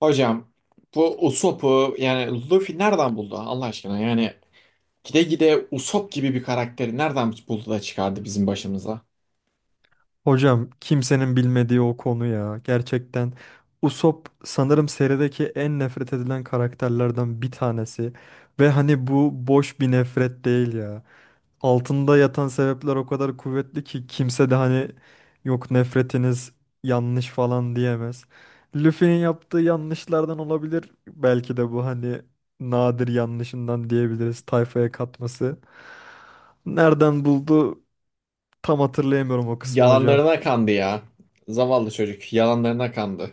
Hocam bu Usopp'u yani Luffy nereden buldu Allah aşkına? Yani gide gide Usopp gibi bir karakteri nereden buldu da çıkardı bizim başımıza? Hocam kimsenin bilmediği o konu ya. Gerçekten Usopp sanırım serideki en nefret edilen karakterlerden bir tanesi. Ve hani bu boş bir nefret değil ya. Altında yatan sebepler o kadar kuvvetli ki kimse de hani yok, nefretiniz yanlış falan diyemez. Luffy'nin yaptığı yanlışlardan olabilir. Belki de bu hani nadir yanlışından diyebiliriz, tayfaya katması. Nereden buldu, tam hatırlayamıyorum o kısmı hocam. Yalanlarına kandı ya. Zavallı çocuk yalanlarına kandı.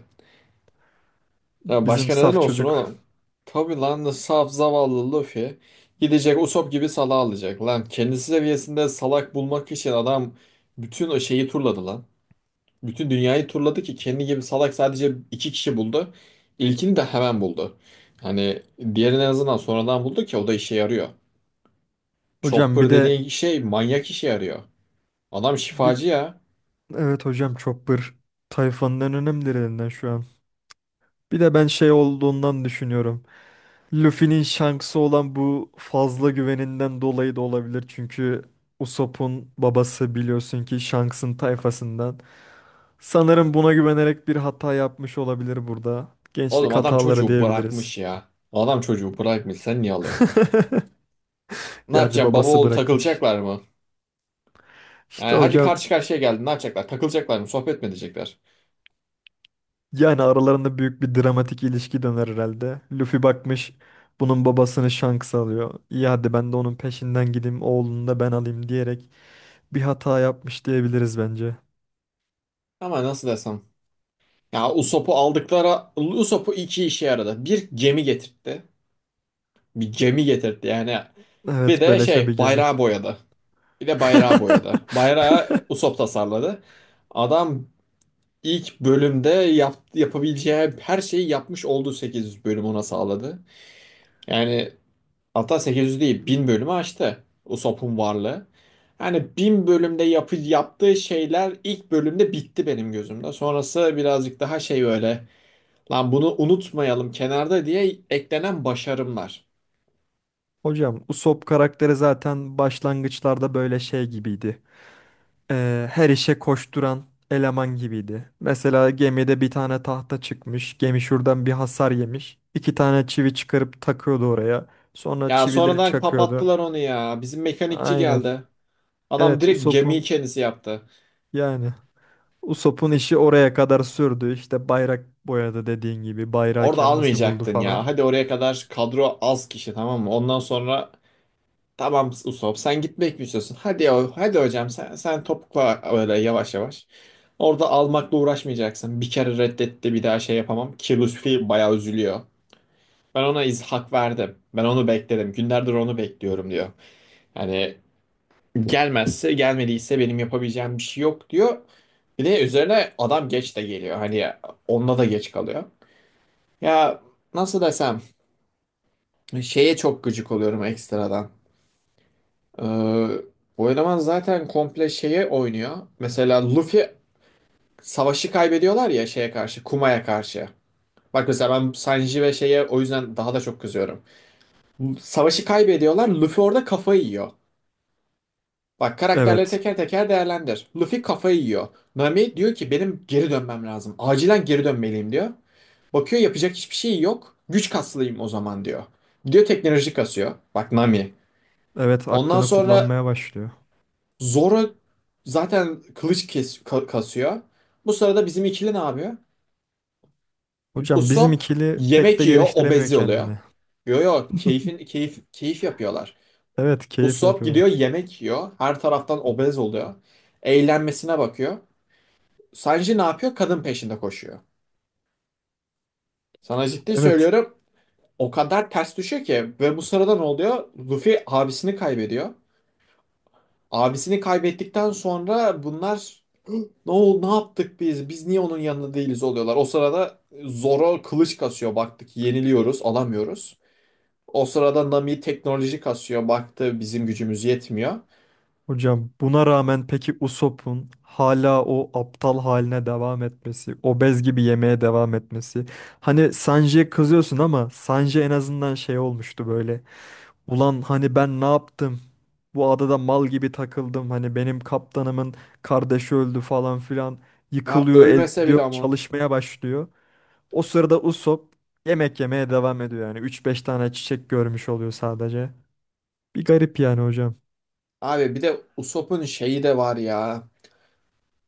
Ya Bizim başka neden saf olsun çocuk. oğlum? Tabii lan saf zavallı Luffy gidecek Usopp gibi salağı alacak lan. Kendisi seviyesinde salak bulmak için adam bütün o şeyi turladı lan. Bütün dünyayı turladı ki kendi gibi salak sadece iki kişi buldu. İlkini de hemen buldu. Hani diğerini en azından sonradan buldu ki o da işe yarıyor. Hocam bir Chopper de dediğin şey manyak işe yarıyor. Adam bir şifacı ya. evet hocam, Chopper tayfanın en önemlilerinden şu an. Bir de ben şey olduğundan düşünüyorum. Luffy'nin Shanks'ı olan bu fazla güveninden dolayı da olabilir. Çünkü Usopp'un babası biliyorsun ki Shanks'ın tayfasından. Sanırım buna güvenerek bir hata yapmış olabilir burada. Oğlum Gençlik adam hataları çocuğu diyebiliriz. bırakmış ya. Adam çocuğu bırakmış, sen niye alıyorsun? Ne Yani yapacaksın, baba babası oğul bırakmış. takılacaklar mı? Yani İşte hadi hocam, karşı karşıya geldin, ne yapacaklar? Takılacaklar mı? Sohbet mi edecekler? yani aralarında büyük bir dramatik ilişki döner herhalde. Luffy bakmış bunun babasını Shanks alıyor. İyi, hadi ben de onun peşinden gideyim, oğlunu da ben alayım diyerek bir hata yapmış diyebiliriz bence. Ama nasıl desem. Ya Usopp'u aldıkları... Usopp'u iki işe yaradı. Bir gemi getirtti. Bir gemi getirtti yani. Bir Evet, de beleşe bir şey gemi. bayrağı boyadı. Bir de bayrağı boyadı. Bayrağı Usopp tasarladı. Adam ilk bölümde yapabileceği her şeyi yapmış oldu, 8 bölüm ona sağladı. Yani hatta 800 değil 1000 bölümü aştı Usopp'un varlığı. Yani 1000 bölümde yaptığı şeyler ilk bölümde bitti benim gözümde. Sonrası birazcık daha şey böyle, lan bunu unutmayalım kenarda diye eklenen başarımlar. Hocam Usopp karakteri zaten başlangıçlarda böyle şey gibiydi. Her işe koşturan eleman gibiydi. Mesela gemide bir tane tahta çıkmış, gemi şuradan bir hasar yemiş. İki tane çivi çıkarıp takıyordu oraya. Sonra Ya çivileri sonradan çakıyordu. kapattılar onu ya. Bizim mekanikçi Aynen. geldi. Adam Evet, direkt gemiyi kendisi yaptı. yani Usopp'un işi oraya kadar sürdü. İşte bayrak boyadı dediğin gibi. Bayrağı Orada kendisi buldu almayacaktın ya. falan. Hadi oraya kadar kadro az kişi, tamam mı? Ondan sonra tamam Usop, sen gitmek mi istiyorsun? Hadi ya, hadi hocam sen topukla öyle yavaş yavaş. Orada almakla uğraşmayacaksın. Bir kere reddetti, bir daha şey yapamam. Ki Lutfi bayağı üzülüyor. Ben ona iz hak verdim. Ben onu bekledim. Günlerdir onu bekliyorum diyor. Yani gelmezse gelmediyse benim yapabileceğim bir şey yok diyor. Bir de üzerine adam geç de geliyor. Hani onda da geç kalıyor. Ya nasıl desem, şeye çok gıcık oluyorum ekstradan. Ee, Bu eleman zaten komple şeye oynuyor. Mesela Luffy savaşı kaybediyorlar ya şeye karşı, Kuma'ya karşı. Bak mesela ben Sanji ve şeye o yüzden daha da çok kızıyorum. Savaşı kaybediyorlar, Luffy orada kafayı yiyor. Bak karakterleri Evet. teker teker değerlendir. Luffy kafayı yiyor. Nami diyor ki benim geri dönmem lazım. Acilen geri dönmeliyim diyor. Bakıyor yapacak hiçbir şey yok. Güç kaslayayım o zaman diyor. Gidiyor teknoloji kasıyor. Bak Nami. Evet, Ondan aklını sonra kullanmaya başlıyor. Zoro zaten kılıç kasıyor. Bu sırada bizim ikili ne yapıyor? Hocam bizim Usopp ikili pek yemek de yiyor, geliştiremiyor obezi oluyor. kendini. Yo yo, keyfin keyif keyif yapıyorlar. Evet, keyif Usopp gidiyor yapıyorlar. yemek yiyor, her taraftan obez oluyor. Eğlenmesine bakıyor. Sanji ne yapıyor? Kadın peşinde koşuyor. Sana ciddi Evet. söylüyorum, o kadar ters düşüyor ki ve bu sırada ne oluyor? Luffy abisini kaybediyor. Abisini kaybettikten sonra bunlar ne oldu, ne yaptık biz? Biz niye onun yanında değiliz oluyorlar. O sırada Zoro kılıç kasıyor. Baktık yeniliyoruz, alamıyoruz. O sırada Nami teknoloji kasıyor. Baktı bizim gücümüz yetmiyor. Hocam buna rağmen peki Usopp'un hala o aptal haline devam etmesi, obez gibi yemeye devam etmesi. Hani Sanji'ye kızıyorsun ama Sanji en azından şey olmuştu böyle. Ulan hani ben ne yaptım? Bu adada mal gibi takıldım. Hani benim kaptanımın kardeşi öldü falan filan. Ya Yıkılıyor, ölmese bile ediyor, ama. çalışmaya başlıyor. O sırada Usopp yemek yemeye devam ediyor yani. Üç beş tane çiçek görmüş oluyor sadece. Bir garip yani hocam. Abi bir de Usopp'un şeyi de var ya.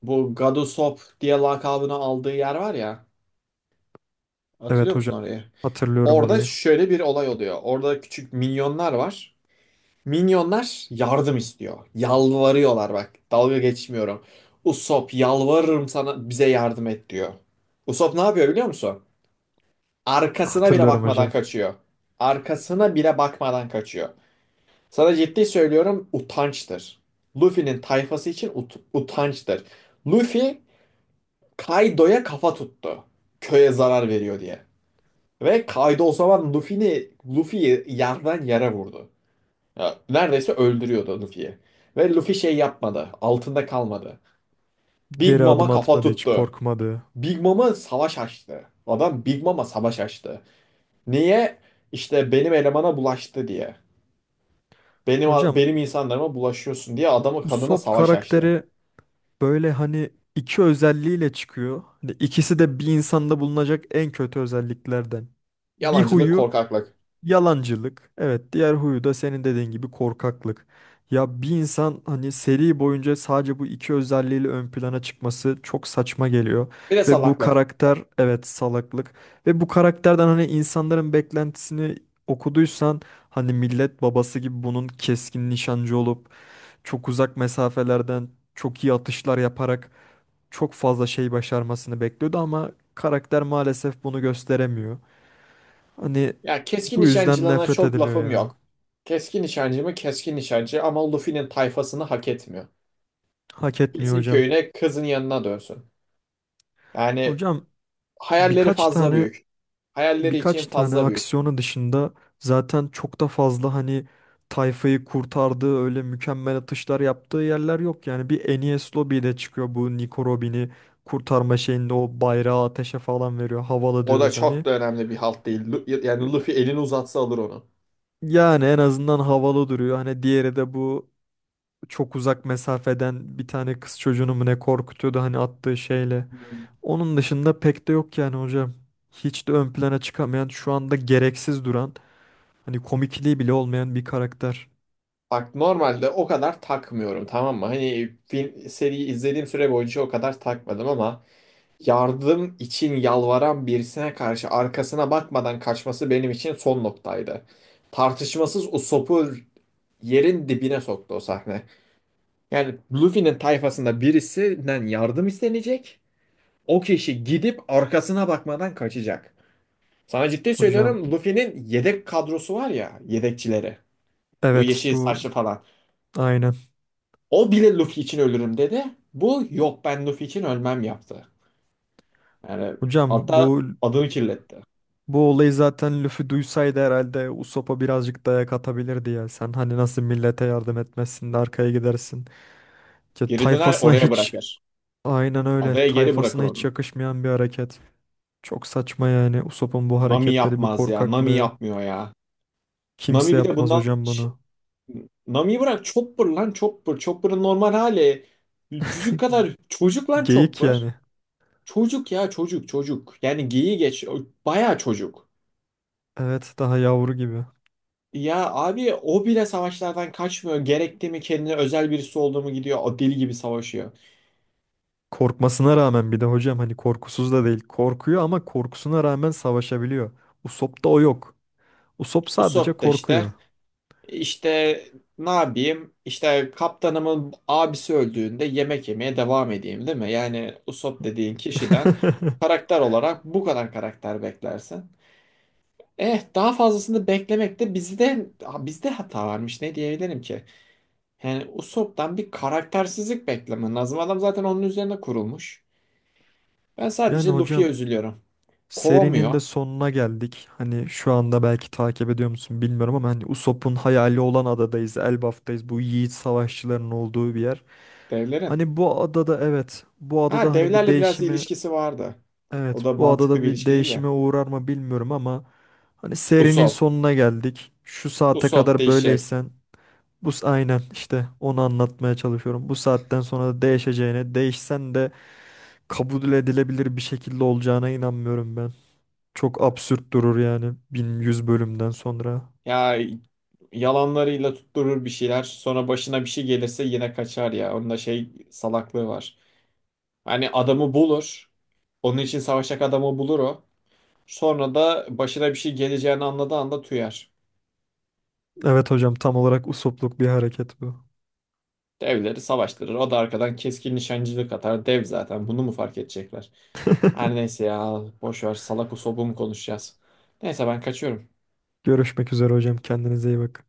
Bu God Usopp diye lakabını aldığı yer var ya. Hatırlıyor Evet musun hocam. orayı? Hatırlıyorum Orada orayı. şöyle bir olay oluyor. Orada küçük minyonlar var. Minyonlar yardım istiyor. Yalvarıyorlar bak. Dalga geçmiyorum. Usopp yalvarırım sana bize yardım et diyor. Usopp ne yapıyor biliyor musun? Arkasına bile Hatırlıyorum bakmadan hocam. kaçıyor. Arkasına bile bakmadan kaçıyor. Sana ciddi söylüyorum utançtır. Luffy'nin tayfası için utançtır. Luffy Kaido'ya kafa tuttu. Köye zarar veriyor diye. Ve Kaido o zaman Luffy'yi yerden yere vurdu. Ya, neredeyse öldürüyordu Luffy'yi. Ve Luffy şey yapmadı. Altında kalmadı. Big Geri Mom'a adım kafa atmadı, hiç tuttu. korkmadı. Big Mom'a savaş açtı. Adam Big Mom'a savaş açtı. Niye? İşte benim elemana bulaştı diye. Benim Hocam benim insanlarıma bulaşıyorsun diye adamı bu kadına Sop savaş açtı. karakteri böyle hani iki özelliğiyle çıkıyor. Hani ikisi de bir insanda bulunacak en kötü özelliklerden. Bir Yalancılık, huyu korkaklık. yalancılık. Evet, diğer huyu da senin dediğin gibi korkaklık. Ya bir insan hani seri boyunca sadece bu iki özelliğiyle ön plana çıkması çok saçma geliyor. Bir de Ve bu salaklık. karakter evet, salaklık. Ve bu karakterden hani insanların beklentisini okuduysan, hani millet babası gibi bunun keskin nişancı olup çok uzak mesafelerden çok iyi atışlar yaparak çok fazla şey başarmasını bekliyordu ama karakter maalesef bunu gösteremiyor. Hani Ya keskin bu yüzden nişancılığına nefret çok ediliyor lafım ya. yok. Keskin nişancı mı keskin nişancı ama Luffy'nin tayfasını hak etmiyor. Hak etmiyor Gitsin hocam. köyüne kızın yanına dönsün. Yani Hocam hayalleri birkaç fazla tane, büyük. Hayalleri için birkaç tane fazla büyük. aksiyonu dışında zaten çok da fazla hani tayfayı kurtardığı öyle mükemmel atışlar yaptığı yerler yok. Yani bir Enes Lobby'de çıkıyor bu, Nico Robin'i kurtarma şeyinde o bayrağı ateşe falan veriyor. Havalı O da diyoruz hani. çok da önemli bir halt değil. Lu- Yani Luffy elini uzatsa alır onu. Yani en azından havalı duruyor. Hani diğeri de bu çok uzak mesafeden bir tane kız çocuğunu mu ne korkutuyordu hani attığı şeyle. Onun dışında pek de yok yani hocam. Hiç de ön plana çıkamayan, şu anda gereksiz duran, hani komikliği bile olmayan bir karakter. Bak normalde o kadar takmıyorum, tamam mı? Hani film, seriyi izlediğim süre boyunca o kadar takmadım ama yardım için yalvaran birisine karşı arkasına bakmadan kaçması benim için son noktaydı. Tartışmasız o sopu yerin dibine soktu o sahne. Yani Luffy'nin tayfasında birisinden yardım istenecek. O kişi gidip arkasına bakmadan kaçacak. Sana ciddi Hocam, söylüyorum Luffy'nin yedek kadrosu var ya, yedekçileri. Bu evet, yeşil bu, saçlı falan. aynen. O bile Luffy için ölürüm dedi. Bu yok ben Luffy için ölmem yaptı. Yani Hocam hatta bu adını kirletti. bu olayı zaten Luffy duysaydı herhalde Usopp'a birazcık dayak atabilirdi ya. Sen hani nasıl millete yardım etmezsin de arkaya gidersin. Ya Geri döner tayfasına oraya hiç... bırakır. Aynen öyle. Adaya geri bırakır Tayfasına hiç onu. yakışmayan bir hareket. Çok saçma yani Usopp'un bu Nami hareketleri, bu yapmaz ya. Nami korkaklığı. yapmıyor ya. Kimse Nami bir de yapmaz bundan... hocam Ş- bunu. Nami'yi bırak, Chopper lan Chopper. Chopper'ın normal hali. Cücük kadar çocuk lan Geyik Chopper. yani. Çocuk ya, çocuk çocuk. Yani geyiği geç. O bayağı çocuk. Evet, daha yavru gibi. Ya abi o bile savaşlardan kaçmıyor. Gerekti mi kendine özel birisi olduğumu gidiyor. O deli gibi savaşıyor. Korkmasına rağmen bir de hocam hani korkusuz da değil. Korkuyor ama korkusuna rağmen savaşabiliyor. Usopp'ta o yok. Usopp sadece Usopp da işte korkuyor. işte ne yapayım? İşte kaptanımın abisi öldüğünde yemek yemeye devam edeyim değil mi? Yani Usopp dediğin kişiden karakter olarak bu kadar karakter beklersin. Eh daha fazlasını beklemek de bizde hata varmış, ne diyebilirim ki? Yani Usopp'tan bir karaktersizlik beklemen lazım. Adam zaten onun üzerine kurulmuş. Ben sadece Yani Luffy'ye hocam üzülüyorum. serinin Kovamıyor de sonuna geldik. Hani şu anda belki takip ediyor musun bilmiyorum ama hani Usopp'un hayali olan adadayız. Elbaf'tayız. Bu yiğit savaşçıların olduğu bir yer. devlerin. Hani bu adada, evet, bu Ha adada hani bir devlerle biraz değişimi... ilişkisi vardı. O Evet, da bu mantıklı adada bir bir ilişki değil ya. değişime uğrar mı bilmiyorum ama hani serinin Usopp. sonuna geldik. Şu saate Usopp kadar değişecek. böyleysen aynen, işte onu anlatmaya çalışıyorum. Bu saatten sonra da değişeceğine, değişsen de kabul edilebilir bir şekilde olacağına inanmıyorum ben. Çok absürt durur yani 1100 bölümden sonra. Ya yalanlarıyla tutturur bir şeyler. Sonra başına bir şey gelirse yine kaçar ya. Onun da şey salaklığı var. Hani adamı bulur. Onun için savaşacak adamı bulur o. Sonra da başına bir şey geleceğini anladığı anda tüyer. Evet hocam, tam olarak usopluk bir hareket bu. Devleri savaştırır. O da arkadan keskin nişancılık atar. Dev zaten. Bunu mu fark edecekler? Her neyse ya. Boş ver. Salak usobum konuşacağız. Neyse ben kaçıyorum. Görüşmek üzere hocam, kendinize iyi bakın.